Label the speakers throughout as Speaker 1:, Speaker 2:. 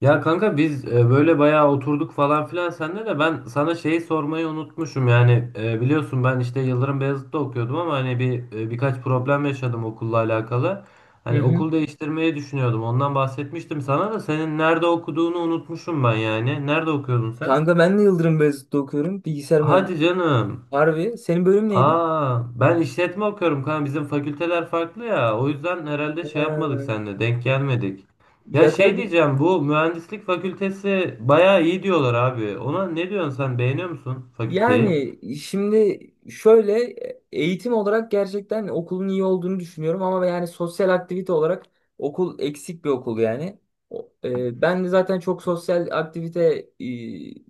Speaker 1: Ya kanka biz böyle bayağı oturduk falan filan senle de ben sana şeyi sormayı unutmuşum yani biliyorsun ben işte Yıldırım Beyazıt'ta okuyordum ama hani birkaç problem yaşadım okulla alakalı.
Speaker 2: Hı
Speaker 1: Hani
Speaker 2: hı.
Speaker 1: okul değiştirmeyi düşünüyordum, ondan bahsetmiştim sana da, senin nerede okuduğunu unutmuşum ben yani. Nerede okuyordun sen?
Speaker 2: Kanka ben de Yıldırım Beyazıt'ta okuyorum. Bilgisayar
Speaker 1: Hadi
Speaker 2: mühendisliği.
Speaker 1: canım.
Speaker 2: Harbi. Senin bölüm neydi?
Speaker 1: Aa, ben işletme okuyorum kanka. Bizim fakülteler farklı ya. O yüzden herhalde şey yapmadık
Speaker 2: Ha,
Speaker 1: seninle. Denk gelmedik. Ya
Speaker 2: yatay
Speaker 1: şey
Speaker 2: bir...
Speaker 1: diyeceğim, bu mühendislik fakültesi bayağı iyi diyorlar abi. Ona ne diyorsun sen, beğeniyor musun fakülteyi?
Speaker 2: Yani şimdi, şöyle, eğitim olarak gerçekten okulun iyi olduğunu düşünüyorum ama yani sosyal aktivite olarak okul eksik bir okul yani. Ben de zaten çok sosyal aktivite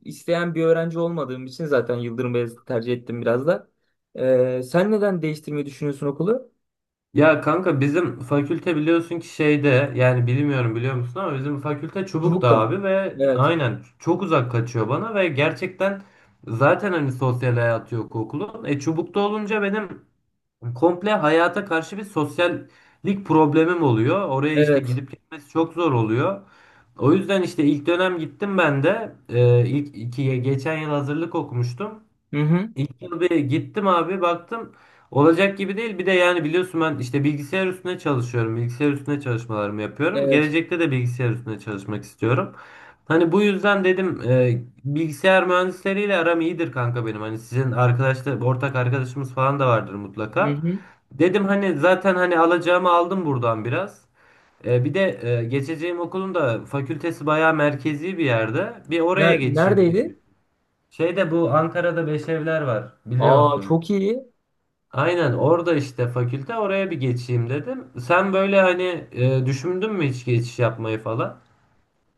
Speaker 2: isteyen bir öğrenci olmadığım için zaten Yıldırım Beyazıt'ı tercih ettim biraz da. Sen neden değiştirmeyi düşünüyorsun okulu?
Speaker 1: Ya kanka bizim fakülte biliyorsun ki şeyde, yani bilmiyorum biliyor musun ama bizim fakülte
Speaker 2: Çubuk'ta
Speaker 1: Çubuk'ta
Speaker 2: mı?
Speaker 1: abi ve
Speaker 2: Evet.
Speaker 1: aynen çok uzak kaçıyor bana ve gerçekten zaten hani sosyal hayatı yok okulun. Çubuk'ta olunca benim komple hayata karşı bir sosyallik problemim oluyor. Oraya işte
Speaker 2: Evet.
Speaker 1: gidip gitmesi çok zor oluyor. O yüzden işte ilk dönem gittim ben de. Geçen yıl hazırlık okumuştum.
Speaker 2: Hı hı.
Speaker 1: İlk yıl bir gittim abi, baktım olacak gibi değil. Bir de yani biliyorsun ben işte bilgisayar üstüne çalışıyorum. Bilgisayar üstüne çalışmalarımı yapıyorum.
Speaker 2: Evet.
Speaker 1: Gelecekte de bilgisayar üstüne çalışmak istiyorum. Hani bu yüzden dedim bilgisayar mühendisleriyle aram iyidir kanka benim. Hani sizin arkadaşlar, ortak arkadaşımız falan da vardır
Speaker 2: Hı
Speaker 1: mutlaka.
Speaker 2: hı.
Speaker 1: Dedim hani zaten hani alacağımı aldım buradan biraz. Bir de geçeceğim okulun da fakültesi bayağı merkezi bir yerde. Bir oraya geçeyim diye.
Speaker 2: Neredeydi?
Speaker 1: Şeyde bu Ankara'da Beşevler var
Speaker 2: Aa,
Speaker 1: biliyorsun.
Speaker 2: çok iyi.
Speaker 1: Aynen orada işte fakülte, oraya bir geçeyim dedim. Sen böyle hani düşündün mü hiç geçiş yapmayı falan?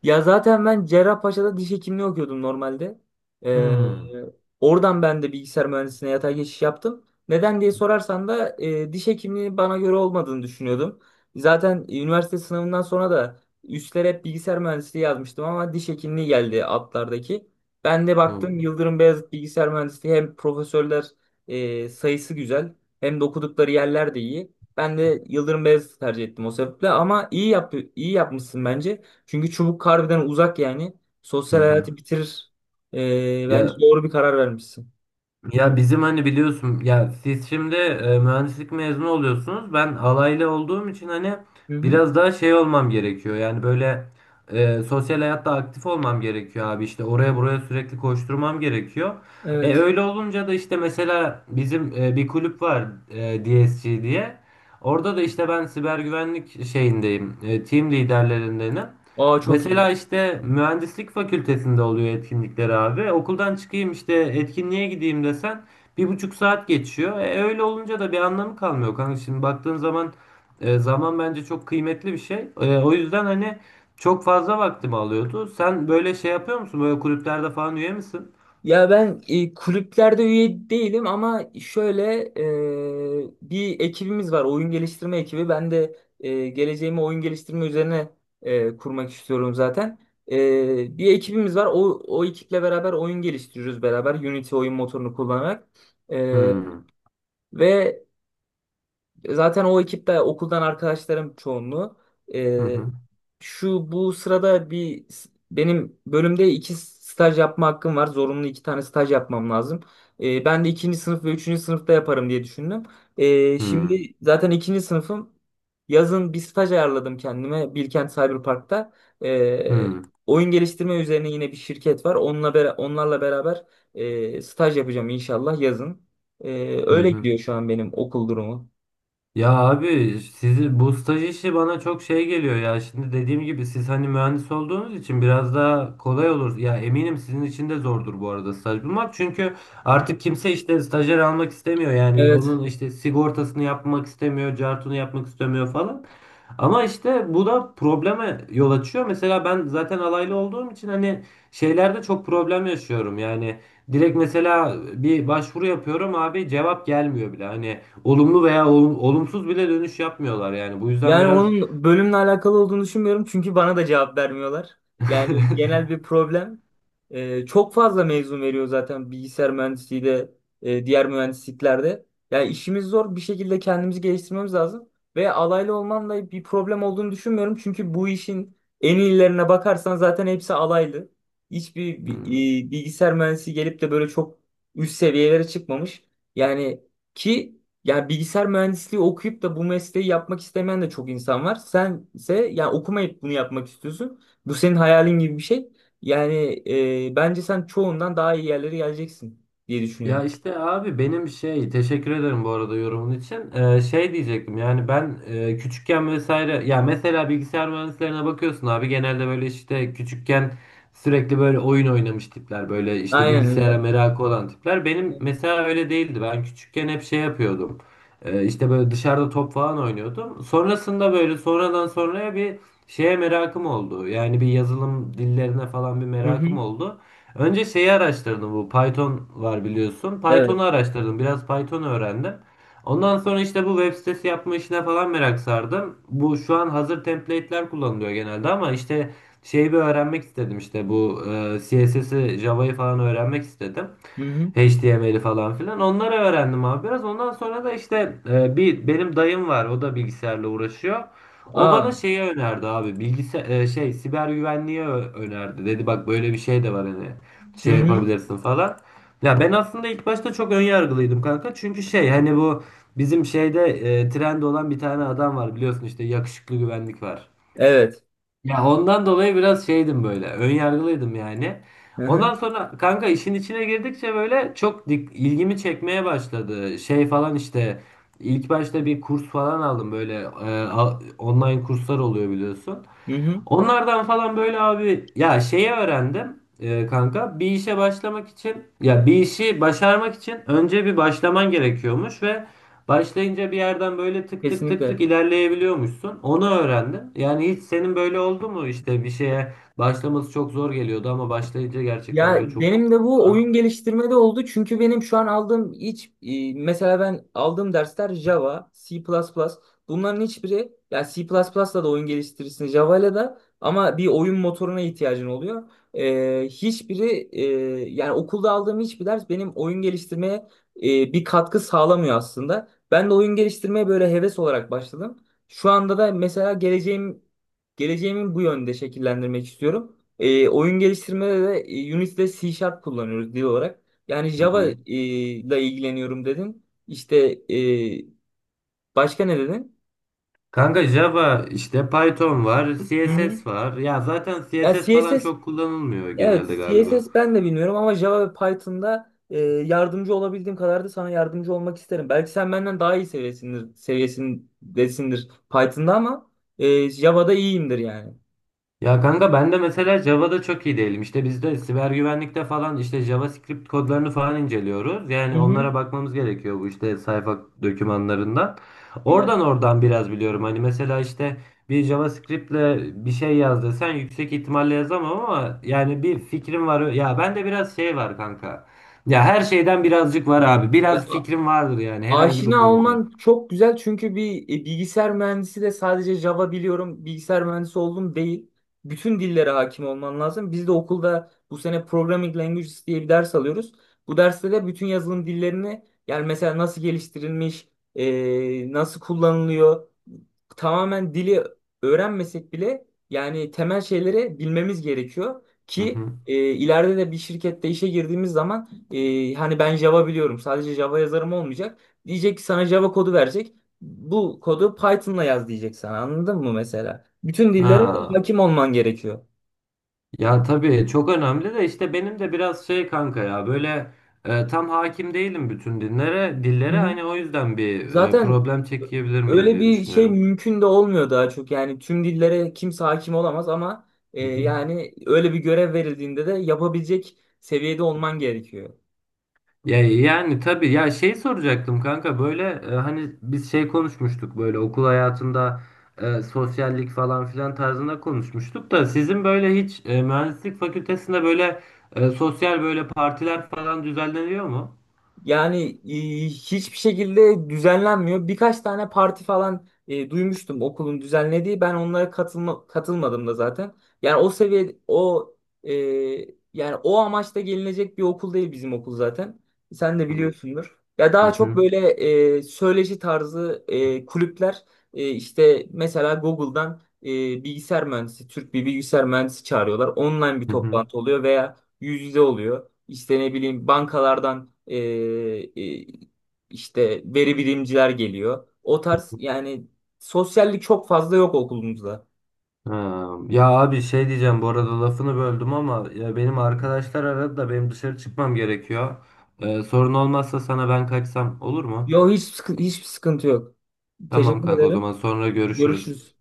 Speaker 2: Ya zaten ben Cerrahpaşa'da diş hekimliği okuyordum normalde. Ee,
Speaker 1: Hmm.
Speaker 2: Oradan ben de bilgisayar mühendisliğine yatay geçiş yaptım. Neden diye sorarsan da diş hekimliği bana göre olmadığını düşünüyordum. Zaten üniversite sınavından sonra da üstlere hep bilgisayar mühendisliği yazmıştım ama diş hekimliği geldi altlardaki. Ben de baktım
Speaker 1: Hmm.
Speaker 2: Yıldırım Beyazıt Bilgisayar Mühendisliği hem profesörler sayısı güzel hem de okudukları yerler de iyi. Ben de Yıldırım Beyazıt'ı tercih ettim o sebeple ama iyi yapmışsın bence. Çünkü çubuk harbiden uzak yani.
Speaker 1: Hı.
Speaker 2: Sosyal
Speaker 1: Hı
Speaker 2: hayatı bitirir. Bence
Speaker 1: ya.
Speaker 2: doğru bir karar vermişsin.
Speaker 1: Ya bizim hani biliyorsun ya, siz şimdi mühendislik mezunu oluyorsunuz. Ben alaylı olduğum için hani
Speaker 2: Hı hı.
Speaker 1: biraz daha şey olmam gerekiyor. Yani böyle sosyal hayatta aktif olmam gerekiyor abi. İşte oraya buraya sürekli koşturmam gerekiyor. E
Speaker 2: Evet.
Speaker 1: öyle olunca da işte mesela bizim bir kulüp var, DSG diye. Orada da işte ben siber güvenlik şeyindeyim. Team liderlerindenim.
Speaker 2: Aa, çok iyi.
Speaker 1: Mesela işte mühendislik fakültesinde oluyor etkinlikleri abi. Okuldan çıkayım işte etkinliğe gideyim desen 1,5 saat geçiyor. Öyle olunca da bir anlamı kalmıyor kanka. Şimdi baktığın zaman zaman bence çok kıymetli bir şey. O yüzden hani çok fazla vaktimi alıyordu. Sen böyle şey yapıyor musun? Böyle kulüplerde falan üye misin?
Speaker 2: Ya ben kulüplerde üye değilim ama şöyle, bir ekibimiz var. Oyun geliştirme ekibi. Ben de geleceğimi oyun geliştirme üzerine kurmak istiyorum zaten. E, bir ekibimiz var. O ekiple beraber oyun geliştiriyoruz beraber. Unity oyun motorunu kullanarak. E,
Speaker 1: Hmm.
Speaker 2: ve Zaten o ekipte okuldan arkadaşlarım çoğunluğu.
Speaker 1: Hı
Speaker 2: Ee,
Speaker 1: hı.
Speaker 2: şu bu sırada benim bölümde iki staj yapma hakkım var. Zorunlu iki tane staj yapmam lazım. Ben de ikinci sınıf ve üçüncü sınıfta yaparım diye düşündüm.
Speaker 1: Hmm.
Speaker 2: Şimdi zaten ikinci sınıfım. Yazın bir staj ayarladım kendime Bilkent Cyberpark'ta. Ee,
Speaker 1: Hmm.
Speaker 2: Oyun geliştirme üzerine yine bir şirket var. Onlarla beraber staj yapacağım inşallah yazın.
Speaker 1: Hı
Speaker 2: Öyle
Speaker 1: hı.
Speaker 2: gidiyor şu an benim okul durumu.
Speaker 1: Ya abi, sizi bu staj işi bana çok şey geliyor ya. Şimdi dediğim gibi siz hani mühendis olduğunuz için biraz daha kolay olur. Ya eminim sizin için de zordur bu arada staj bulmak. Çünkü artık kimse işte stajyer almak istemiyor. Yani
Speaker 2: Evet.
Speaker 1: onun işte sigortasını yapmak istemiyor, cartunu yapmak istemiyor falan. Ama işte bu da probleme yol açıyor. Mesela ben zaten alaylı olduğum için hani şeylerde çok problem yaşıyorum. Yani direkt mesela bir başvuru yapıyorum abi, cevap gelmiyor bile. Hani olumlu veya olumsuz bile dönüş yapmıyorlar yani. Bu yüzden
Speaker 2: Yani
Speaker 1: biraz...
Speaker 2: onun bölümle alakalı olduğunu düşünmüyorum çünkü bana da cevap vermiyorlar. Yani genel bir problem. Çok fazla mezun veriyor zaten bilgisayar mühendisliği de diğer mühendisliklerde. Yani işimiz zor, bir şekilde kendimizi geliştirmemiz lazım. Ve alaylı olman da bir problem olduğunu düşünmüyorum. Çünkü bu işin en iyilerine bakarsan zaten hepsi alaylı. Hiçbir bi-
Speaker 1: Hmm.
Speaker 2: e, bilgisayar mühendisi gelip de böyle çok üst seviyelere çıkmamış. Yani ki yani bilgisayar mühendisliği okuyup da bu mesleği yapmak istemeyen de çok insan var. Sense yani okumayıp bunu yapmak istiyorsun. Bu senin hayalin gibi bir şey. Yani, bence sen çoğundan daha iyi yerlere geleceksin diye
Speaker 1: Ya
Speaker 2: düşünüyorum.
Speaker 1: işte abi benim şey, teşekkür ederim bu arada yorumun için. Şey diyecektim yani ben küçükken vesaire, ya mesela bilgisayar mühendislerine bakıyorsun abi, genelde böyle işte küçükken sürekli böyle oyun oynamış tipler, böyle işte
Speaker 2: Aynen
Speaker 1: bilgisayara
Speaker 2: öyle.
Speaker 1: merakı olan tipler. Benim mesela öyle değildi. Ben küçükken hep şey yapıyordum. İşte böyle dışarıda top falan oynuyordum. Sonrasında böyle sonradan sonraya bir şeye merakım oldu. Yani bir yazılım dillerine falan bir
Speaker 2: Hı hı.
Speaker 1: merakım oldu. Önce şeyi araştırdım, bu Python var biliyorsun. Python'u
Speaker 2: Evet.
Speaker 1: araştırdım. Biraz Python öğrendim. Ondan sonra işte bu web sitesi yapma işine falan merak sardım. Bu şu an hazır template'ler kullanılıyor genelde ama işte şeyi bir öğrenmek istedim, işte bu CSS'i, Java'yı falan öğrenmek istedim.
Speaker 2: Hı hı.
Speaker 1: HTML'i falan filan. Onları öğrendim abi biraz. Ondan sonra da işte bir benim dayım var. O da bilgisayarla uğraşıyor. O bana
Speaker 2: Aa.
Speaker 1: şeyi önerdi abi. Bilgisayar şey, siber güvenliği önerdi. Dedi bak böyle bir şey de var, hani
Speaker 2: Hı
Speaker 1: şey
Speaker 2: hı.
Speaker 1: yapabilirsin falan. Ya ben aslında ilk başta çok ön yargılıydım kanka. Çünkü şey hani bu bizim şeyde trend olan bir tane adam var biliyorsun, işte yakışıklı güvenlik var.
Speaker 2: Evet.
Speaker 1: Ya ondan dolayı biraz şeydim, böyle ön yargılıydım yani.
Speaker 2: Hı
Speaker 1: Ondan
Speaker 2: hı.
Speaker 1: sonra kanka işin içine girdikçe böyle ilgimi çekmeye başladı. Şey falan işte ilk başta bir kurs falan aldım, böyle online kurslar oluyor biliyorsun.
Speaker 2: Hı hı.
Speaker 1: Onlardan falan böyle abi ya şeyi öğrendim, kanka bir işe başlamak için, ya bir işi başarmak için önce bir başlaman gerekiyormuş ve başlayınca bir yerden böyle tık tık tık tık
Speaker 2: Kesinlikle.
Speaker 1: ilerleyebiliyormuşsun. Onu öğrendim. Yani hiç senin böyle oldu mu, işte bir şeye başlaması çok zor geliyordu ama başlayınca gerçekten
Speaker 2: Ya
Speaker 1: böyle çok
Speaker 2: benim
Speaker 1: güzel
Speaker 2: de
Speaker 1: oldu
Speaker 2: bu oyun
Speaker 1: falan.
Speaker 2: geliştirmede oldu. Çünkü benim şu an aldığım hiç mesela ben aldığım dersler Java, C++. Bunların hiçbiri, ya C++'la da oyun geliştirirsin Java'yla da ama bir oyun motoruna ihtiyacın oluyor. E, hiçbiri e, Yani okulda aldığım hiçbir ders benim oyun geliştirmeye e, bir katkı sağlamıyor aslında. Ben de oyun geliştirmeye böyle heves olarak başladım. Şu anda da mesela geleceğimi bu yönde şekillendirmek istiyorum. E, oyun geliştirmede de Unity'de C Sharp kullanıyoruz dil olarak. Yani
Speaker 1: Hı
Speaker 2: Java
Speaker 1: hı.
Speaker 2: ile ilgileniyorum dedin. E, Başka ne dedin?
Speaker 1: Kanka Java işte, Python var,
Speaker 2: Hı hı.
Speaker 1: CSS var. Ya zaten
Speaker 2: Ya
Speaker 1: CSS falan
Speaker 2: CSS,
Speaker 1: çok kullanılmıyor
Speaker 2: evet
Speaker 1: genelde galiba.
Speaker 2: CSS ben de bilmiyorum ama Java ve Python'da yardımcı olabildiğim kadar da sana yardımcı olmak isterim. Belki sen benden daha iyi seviyesindesindir Python'da ama Java'da iyiyimdir yani.
Speaker 1: Ya kanka ben de mesela Java'da çok iyi değilim. İşte biz de siber güvenlikte falan işte JavaScript kodlarını falan inceliyoruz.
Speaker 2: Hı
Speaker 1: Yani
Speaker 2: hı.
Speaker 1: onlara bakmamız gerekiyor bu işte sayfa dokümanlarından.
Speaker 2: Evet.
Speaker 1: Oradan oradan biraz biliyorum. Hani mesela işte bir JavaScript'le bir şey yaz desen yüksek ihtimalle yazamam ama yani bir fikrim var. Ya bende biraz şey var kanka. Ya her şeyden birazcık var abi.
Speaker 2: Ya
Speaker 1: Biraz fikrim vardır yani herhangi bir
Speaker 2: Aşina
Speaker 1: konuda.
Speaker 2: olman çok güzel çünkü bir bilgisayar mühendisi de sadece Java biliyorum, bilgisayar mühendisi oldum değil. Bütün dillere hakim olman lazım. Biz de okulda bu sene Programming Languages diye bir ders alıyoruz. Bu derste de bütün yazılım dillerini, yani mesela nasıl geliştirilmiş, nasıl kullanılıyor, tamamen dili öğrenmesek bile yani temel şeyleri bilmemiz gerekiyor
Speaker 1: Hı
Speaker 2: ki
Speaker 1: hı.
Speaker 2: ileride de bir şirkette işe girdiğimiz zaman hani ben Java biliyorum, sadece Java yazarım olmayacak. Diyecek ki sana Java kodu verecek. Bu kodu Python'la yaz diyecek sana. Anladın mı mesela? Bütün dillere
Speaker 1: Ha.
Speaker 2: hakim olman gerekiyor.
Speaker 1: Ya tabii çok önemli de, işte benim de biraz şey kanka, ya böyle tam hakim değilim bütün
Speaker 2: Hı
Speaker 1: dillere,
Speaker 2: hı.
Speaker 1: hani o yüzden bir
Speaker 2: Zaten
Speaker 1: problem çekebilir miyim
Speaker 2: öyle
Speaker 1: diye
Speaker 2: bir şey
Speaker 1: düşünüyorum.
Speaker 2: mümkün de olmuyor daha çok. Yani tüm dillere kimse hakim olamaz ama
Speaker 1: Hı hı.
Speaker 2: yani öyle bir görev verildiğinde de yapabilecek seviyede olman gerekiyor.
Speaker 1: Ya yani tabii ya, şey soracaktım kanka, böyle hani biz şey konuşmuştuk, böyle okul hayatında sosyallik falan filan tarzında konuşmuştuk da, sizin böyle hiç mühendislik fakültesinde böyle sosyal böyle partiler falan düzenleniyor mu?
Speaker 2: Yani, hiçbir şekilde düzenlenmiyor. Birkaç tane parti falan duymuştum okulun düzenlediği. Ben onlara katılmadım da zaten. Yani o seviye o e, Yani o amaçla gelinecek bir okul değil bizim okul zaten. Sen de biliyorsundur. Ya
Speaker 1: Hı
Speaker 2: daha çok
Speaker 1: hı.
Speaker 2: böyle söyleşi tarzı kulüpler, işte mesela Google'dan bilgisayar mühendisi, Türk bir bilgisayar mühendisi çağırıyorlar. Online bir
Speaker 1: Hı hı.
Speaker 2: toplantı oluyor veya yüz yüze oluyor. İşte ne bileyim, bankalardan e, işte veri bilimciler geliyor. O tarz yani, sosyallik çok fazla yok okulumuzda.
Speaker 1: Ha, ya abi şey diyeceğim, bu arada lafını böldüm ama, ya benim arkadaşlar aradı da benim dışarı çıkmam gerekiyor. Sorun olmazsa sana, ben kaçsam olur mu?
Speaker 2: Yok, hiçbir sıkıntı yok.
Speaker 1: Tamam
Speaker 2: Teşekkür
Speaker 1: kanka, o zaman
Speaker 2: ederim.
Speaker 1: sonra görüşürüz.
Speaker 2: Görüşürüz.